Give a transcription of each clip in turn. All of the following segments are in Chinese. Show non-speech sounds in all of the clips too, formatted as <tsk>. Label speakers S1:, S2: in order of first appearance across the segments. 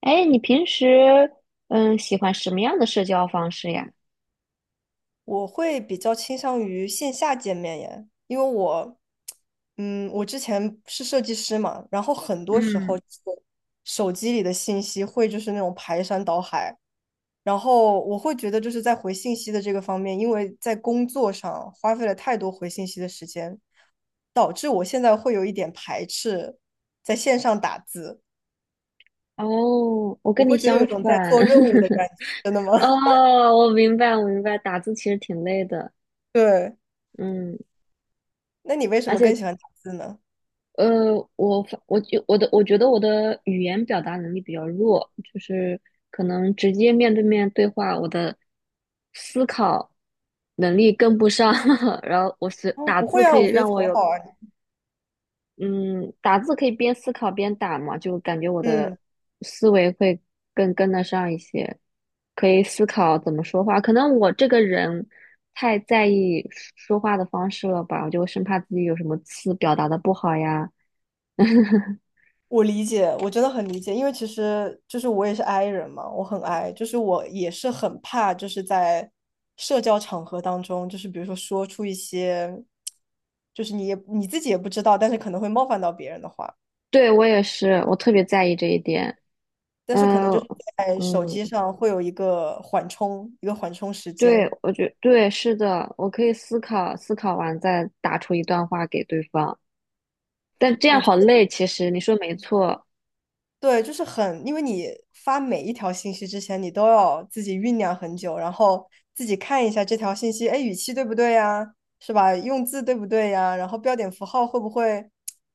S1: 哎，你平时喜欢什么样的社交方式呀？
S2: 我会比较倾向于线下见面耶，因为我之前是设计师嘛，然后很多时
S1: 嗯，
S2: 候手机里的信息会就是那种排山倒海，然后我会觉得就是在回信息的这个方面，因为在工作上花费了太多回信息的时间，导致我现在会有一点排斥在线上打字，
S1: 哦，我
S2: 我
S1: 跟你
S2: 会觉得有
S1: 相
S2: 一种在
S1: 反。
S2: 做任务的感
S1: <laughs>
S2: 觉。真的吗？<laughs>
S1: 哦，我明白，我明白，打字其实挺累的。
S2: 对，
S1: 嗯，
S2: 那你为什
S1: 而
S2: 么更
S1: 且
S2: 喜欢打字呢？
S1: 我觉得我的语言表达能力比较弱，就是可能直接面对面对话，我的思考能力跟不上，<laughs> 然后我是
S2: 哦，
S1: 打
S2: 不
S1: 字
S2: 会
S1: 可
S2: 啊，
S1: 以
S2: 我觉
S1: 让
S2: 得
S1: 我
S2: 很
S1: 有
S2: 好啊。
S1: 嗯，打字可以边思考边打嘛，就感觉我的
S2: 嗯，
S1: 思维会更跟得上一些，可以思考怎么说话。可能我这个人太在意说话的方式了吧，我就生怕自己有什么词表达的不好呀。<laughs>
S2: 我理解，我真的很理解，因为其实就是我也是 I 人嘛，我很 I，就是我也是很怕，就是在社交场合当中，就是比如说说出一些，就是你自己也不知道，但是可能会冒犯到别人的话，
S1: 对，我也是，我特别在意这一点。
S2: 但是可能
S1: 嗯、
S2: 就是在手
S1: 嗯，
S2: 机上会有一个缓冲，一个缓冲时
S1: 对，
S2: 间。
S1: 对，是的，我可以思考，思考完再打出一段话给对方。但这样
S2: 我。
S1: 好累，其实你说没错。
S2: 对，就是很，因为你发每一条信息之前，你都要自己酝酿很久，然后自己看一下这条信息。哎，语气对不对呀？是吧？用字对不对呀？然后标点符号会不会，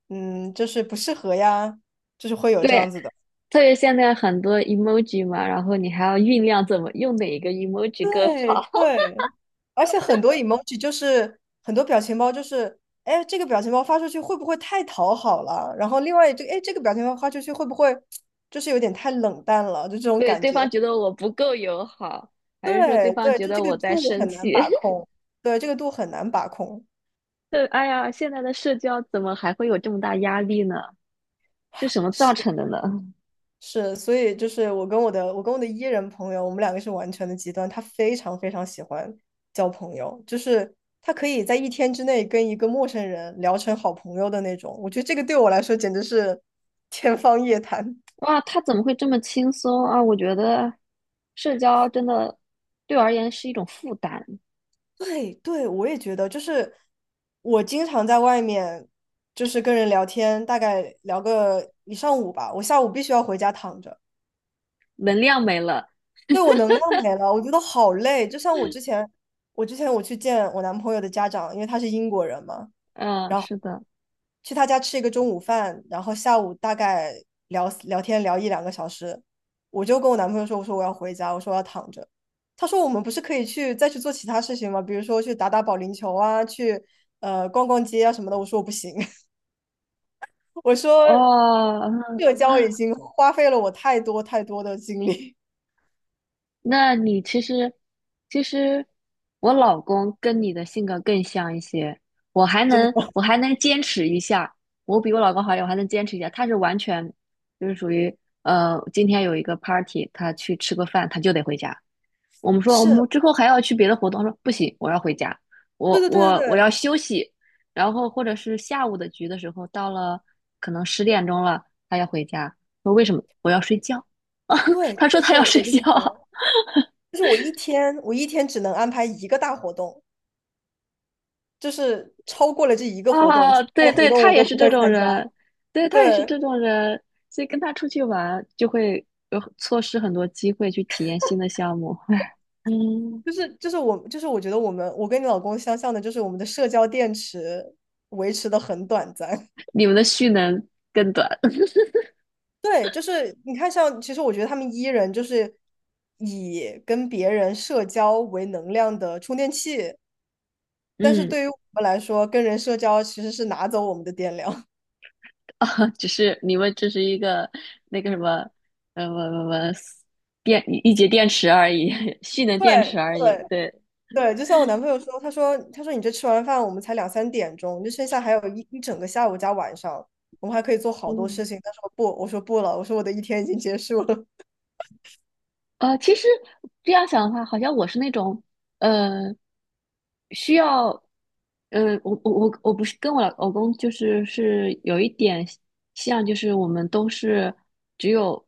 S2: 就是不适合呀？就是会有这
S1: 对，
S2: 样子的。
S1: 特别现在很多 emoji 嘛，然后你还要酝酿怎么用哪一个 emoji 更
S2: 对
S1: 好。
S2: 对，而且很多 emoji 就是很多表情包就是，哎，这个表情包发出去会不会太讨好了？然后另外这个，哎，这个表情包发出去会不会 <tsk> 就是有点太冷淡了？就这
S1: <laughs>
S2: 种
S1: 对，
S2: 感
S1: 对
S2: 觉。
S1: 方觉得我不够友好，还是说对
S2: 对
S1: 方
S2: 对，
S1: 觉
S2: 就这
S1: 得
S2: 个
S1: 我在
S2: 度
S1: 生
S2: 很
S1: 气？
S2: 难把控，对，这个度很难把控，
S1: <laughs> 对，哎呀，现在的社交怎么还会有这么大压力呢？是什么造
S2: 是
S1: 成的呢？
S2: 是，所以就是我跟我的 E 人朋友，我们两个是完全的极端，他非常非常喜欢交朋友，就是他可以在一天之内跟一个陌生人聊成好朋友的那种，我觉得这个对我来说简直是天方夜谭。<laughs>
S1: 哇，他怎么会这么轻松啊？我觉得社交真的对我而言是一种负担，
S2: 对对，我也觉得，就是我经常在外面，就是跟人聊天，大概聊个一上午吧，我下午必须要回家躺着。
S1: 能量没了。
S2: 对，我能量没了，我觉得好累。就像我之前我去见我男朋友的家长，因为他是英国人嘛，
S1: 嗯，
S2: 然后
S1: 是的。
S2: 去他家吃一个中午饭，然后下午大概聊聊天聊一两个小时，我就跟我男朋友说，我说我要回家，我说我要躺着。他说我们不是可以再去做其他事情吗？比如说去打打保龄球啊，去逛逛街啊什么的。我说我不行。<laughs> 我说
S1: 哦，
S2: 社交已经花费了我太多太多的精力。
S1: 那你其实，其实我老公跟你的性格更像一些，
S2: 真的。
S1: 我还能坚持一下，我比我老公好一点，我还能坚持一下。他是完全就是属于今天有一个 party，他去吃个饭，他就得回家。
S2: <laughs>
S1: 我们说我们
S2: 是，
S1: 之后还要去别的活动，他说不行，我要回家，
S2: 对对对对
S1: 我
S2: 对。
S1: 要休息。然后或者是下午的局的时候，到了可能十点钟了，他要回家，说为什么？我要睡觉。<laughs>
S2: 对
S1: 他说
S2: 对
S1: 他要
S2: 对，
S1: 睡
S2: 我跟
S1: 觉。
S2: 你讲，就是我一天只能安排一个大活动，就是超过了这一个活动，
S1: 哦，
S2: 其他
S1: 对
S2: 的活
S1: 对，
S2: 动
S1: 他
S2: 我
S1: 也
S2: 都
S1: 是
S2: 不
S1: 这
S2: 会
S1: 种
S2: 参加。
S1: 人，对他也是
S2: 对，
S1: 这种人，所以跟他出去玩就会有错失很多机会去体验新的项目。<laughs> 嗯，
S2: 就是我就是我觉得我跟你老公相像的，就是我们的社交电池维持的很短暂。
S1: 你们的蓄能更短，
S2: <laughs> 对，就是你看像，其实我觉得他们 E 人就是以跟别人社交为能量的充电器，
S1: <laughs>
S2: 但是
S1: 嗯，
S2: 对于我们来说，跟人社交其实是拿走我们的电量。
S1: <laughs> 只是你们只是一个那个什么，呃，什么什么电一节电池而已，<laughs> 蓄
S2: <laughs>
S1: 能电
S2: 对
S1: 池而已，
S2: 对。
S1: 对。
S2: 对，就像我男朋友说，他说你这吃完饭我们才两三点钟，就剩下还有一整个下午加晚上，我们还可以做好多事情。他说不，我说不了，我说我的一天已经结束了。<laughs>
S1: 其实这样想的话，好像我是那种，呃，需要，我我不是跟我老公就是是有一点像，就是我们都是只有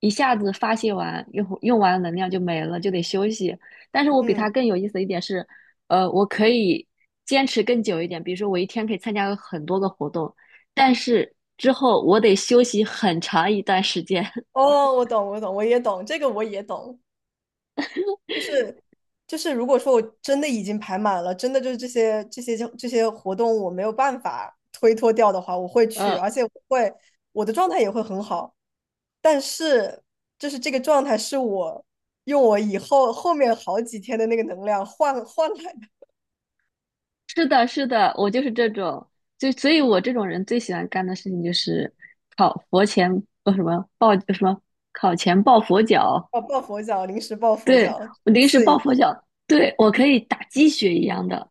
S1: 一下子发泄完，用完能量就没了，就得休息。但是我比他
S2: 嗯。
S1: 更有意思的一点是，我可以坚持更久一点，比如说我一天可以参加很多个活动，但是之后我得休息很长一段时间。<laughs>
S2: 哦，我懂，我懂，我也懂，这个我也懂，就是就是，如果说我真的已经排满了，真的就是这些活动我没有办法推脱掉的话，我会去，
S1: 呃。
S2: 而且我的状态也会很好。但是就是这个状态是我用我以后后面好几天的那个能量换来的，
S1: 是的，是的，我就是这种，就所以，我这种人最喜欢干的事情就是考佛前，呃，什么抱什么考前抱佛脚，
S2: 哦，抱佛脚，临时抱佛
S1: 对，
S2: 脚，
S1: 我
S2: 冲
S1: 临时
S2: 刺一
S1: 抱
S2: 下。
S1: 佛脚，对，我可以打鸡血一样的，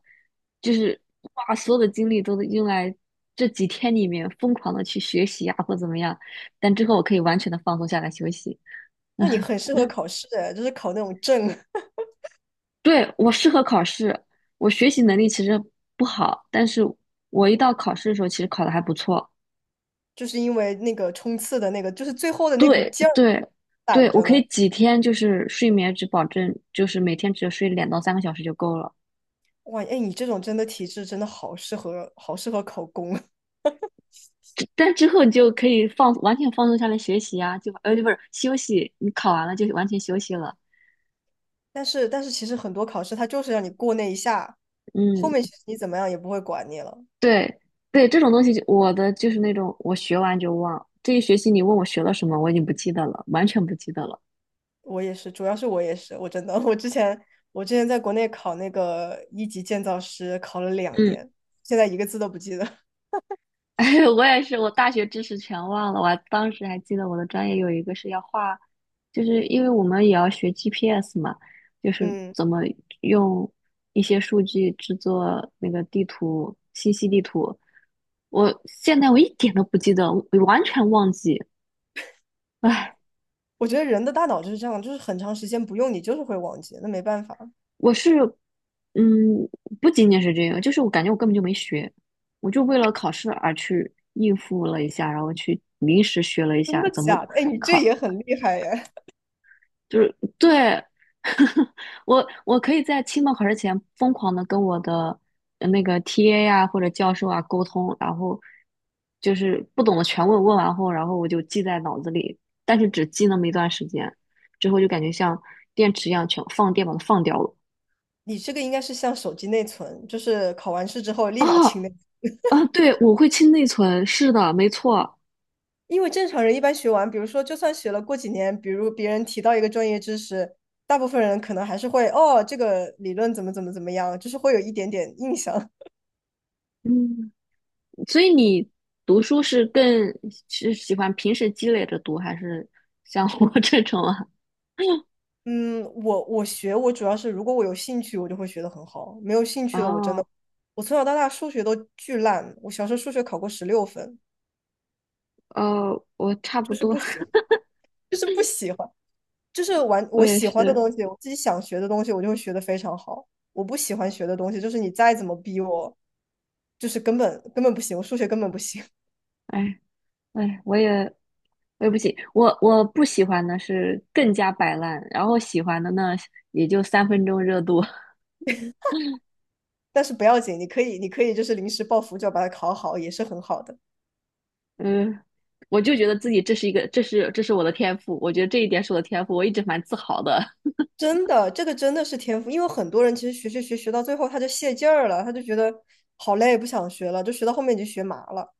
S1: 就是把所有的精力都用来这几天里面疯狂的去学习啊，或怎么样，但之后我可以完全的放松下来休息。<laughs>
S2: 那你
S1: 嗯，
S2: 很适合考试，就是考那种证，
S1: 对，我适合考试，我学习能力其实不好，但是我一到考试的时候，其实考的还不错。
S2: 就是因为那个冲刺的那个，就是最后的那股
S1: 对
S2: 劲儿
S1: 对对，
S2: 攒
S1: 我
S2: 着
S1: 可以
S2: 呢。
S1: 几天就是睡眠只保证就是每天只睡两到三个小时就够了，
S2: 哇，哎，你这种真的体质真的好适合，好适合考公。<laughs>
S1: <laughs> 之后你就可以放完全放松下来学习啊，就不是休息，你考完了就完全休息了。
S2: 但是其实很多考试它就是让你过那一下，后
S1: 嗯，
S2: 面其实你怎么样也不会管你了。
S1: 对对，这种东西就我的就是那种我学完就忘，这一学期你问我学了什么，我已经不记得了，完全不记得了。
S2: 我也是，主要是我也是，我真的，我之前在国内考那个一级建造师，考了两
S1: 嗯，
S2: 年，现在一个字都不记得。
S1: <laughs> 哎，我也是，我大学知识全忘了，当时还记得我的专业有一个是要画。就是因为我们也要学 GPS 嘛，就是
S2: 嗯，
S1: 怎么用一些数据制作那个地图，信息地图。我现在我一点都不记得，我完全忘记。唉，
S2: 我觉得人的大脑就是这样，就是很长时间不用，你就是会忘记，那没办法。
S1: 我是，嗯，不仅仅是这个，就是我感觉我根本就没学，我就为了考试而去应付了一下，然后去临时学了一
S2: 真
S1: 下
S2: 的
S1: 怎么。
S2: 假的？哎，你这也很厉害耶！
S1: 就是对，<laughs> 我可以在期末考试前疯狂的跟我的那个 TA 啊或者教授啊沟通，然后就是不懂的全问，问完后，然后我就记在脑子里，但是只记那么一段时间，之后就感觉像电池一样全放电把它放掉了。
S2: 你这个应该是像手机内存，就是考完试之后立马清
S1: 哦，
S2: 内。
S1: 啊，对，我会清内存，是的，没错。
S2: 因为正常人一般学完，比如说就算学了过几年，比如别人提到一个专业知识，大部分人可能还是会哦，这个理论怎么怎么怎么样，就是会有一点点印象。
S1: 嗯，所以你读书是更是喜欢平时积累着读，还是像我这种啊？<laughs>
S2: 嗯，我主要是如果我有兴趣，我就会学得很好；没有兴趣的我真的，
S1: 哦。
S2: 我从小到大数学都巨烂，我小时候数学考过16分，
S1: 哦，我差不
S2: 就是
S1: 多，
S2: 不喜欢
S1: <laughs>
S2: 就是不喜欢，就是玩
S1: 我
S2: 我
S1: 也
S2: 喜欢的
S1: 是，
S2: 东西，我自己想学的东西，我就会学的非常好。我不喜欢学的东西，就是你再怎么逼我，就是根本根本不行，我数学根本不行。<laughs>
S1: 哎哎，我也不行，我我不喜欢的是更加摆烂，然后喜欢的呢也就三分钟热度，<laughs>
S2: 但是不要紧，你可以就是临时抱佛脚把它考好，也是很好的。
S1: 嗯，我就觉得自己这是一个，这是我的天赋，我觉得这一点是我的天赋，我一直蛮自豪的。<laughs>
S2: 真的，这个真的是天赋，因为很多人其实学到最后他就泄劲儿了，他就觉得好累，不想学了，就学到后面已经学麻了。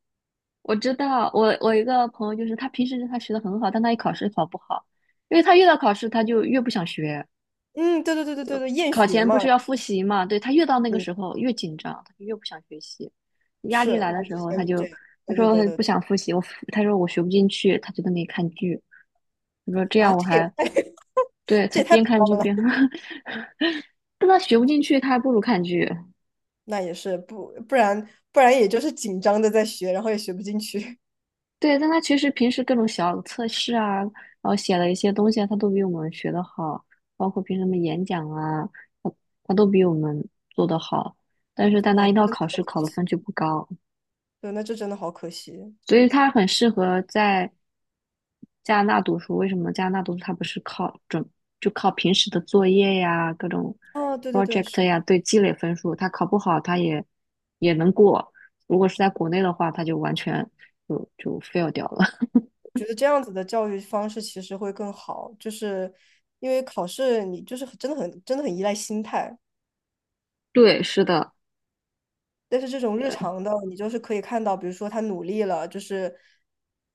S1: 我知道，我一个朋友就是他平时他学的很好，但他一考试考不好，因为他越到考试他就越不想学，
S2: 嗯，对对对对对对，厌
S1: 考
S2: 学
S1: 前不
S2: 嘛。
S1: 是要复习嘛？对，他越到那个
S2: 嗯，
S1: 时候越紧张，他就越不想学习。压
S2: 是
S1: 力来的
S2: 我
S1: 时
S2: 之
S1: 候，
S2: 前
S1: 他
S2: 就这
S1: 就
S2: 样。对对对
S1: 他
S2: 对
S1: 不
S2: 对
S1: 想复习，他说我学不进去，他就在那里看剧。他说这
S2: 啊，
S1: 样我
S2: 这也
S1: 还
S2: 太 <laughs>
S1: 对
S2: 这
S1: 他
S2: 也太
S1: 边
S2: 不
S1: 看剧
S2: 浪了。
S1: 边，<laughs> 但他学不进去，他还不如看剧。
S2: 那也是不然也就是紧张的在学，然后也学不进去。
S1: 对，但他其实平时各种小测试啊，然后写了一些东西啊，他都比我们学的好，包括平时什么演讲啊，他他都比我们做的好。但是
S2: <laughs>
S1: 但他
S2: 哇，
S1: 一到
S2: 真的
S1: 考
S2: 好
S1: 试，考
S2: 可
S1: 的
S2: 惜。
S1: 分就不高。
S2: 对，那这真的好可惜。
S1: 所以他很适合在加拿大读书。为什么加拿大读书？他不是靠准，就靠平时的作业呀、各种
S2: 哦，对对对，
S1: project
S2: 是。
S1: 呀，对积累分数。他考不好，也能过。如果是在国内的话，他就完全就 fail 掉了。<laughs>
S2: 觉得这样子的教育方式其实会更好，就是因为考试你就是真的很真的很依赖心态，
S1: 对，是的，
S2: 但是这种日
S1: 对，
S2: 常的你就是可以看到，比如说他努力了，就是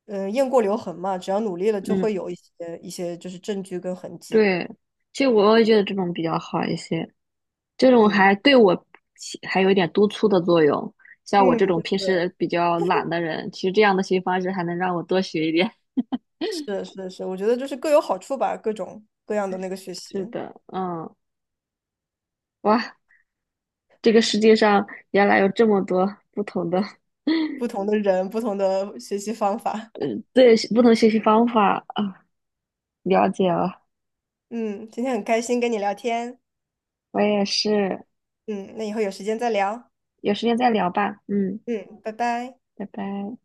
S2: 雁过留痕嘛，只要努力了就
S1: 嗯，
S2: 会有一些就是证据跟痕迹，
S1: 对。其实我也觉得这种比较好一些，这种
S2: 嗯
S1: 还对还有一点督促的作用。像我
S2: 嗯，
S1: 这
S2: 对
S1: 种平
S2: 对对，
S1: 时比较懒的人，其实这样的学习方式还能让我多学一点。
S2: 是是是，我觉得就是各有好处吧，各种各样的那个学
S1: 是
S2: 习，
S1: 的，嗯，哇，这个世界上原来有这么多不同的，
S2: 不同的人，不同的学习方法。
S1: 嗯，对，不同学习方法啊了解了，
S2: <laughs> 嗯，今天很开心跟你聊天，
S1: 我也是，
S2: 嗯，那以后有时间再聊，
S1: 有时间再聊吧，嗯，
S2: 嗯，拜拜。
S1: 拜拜。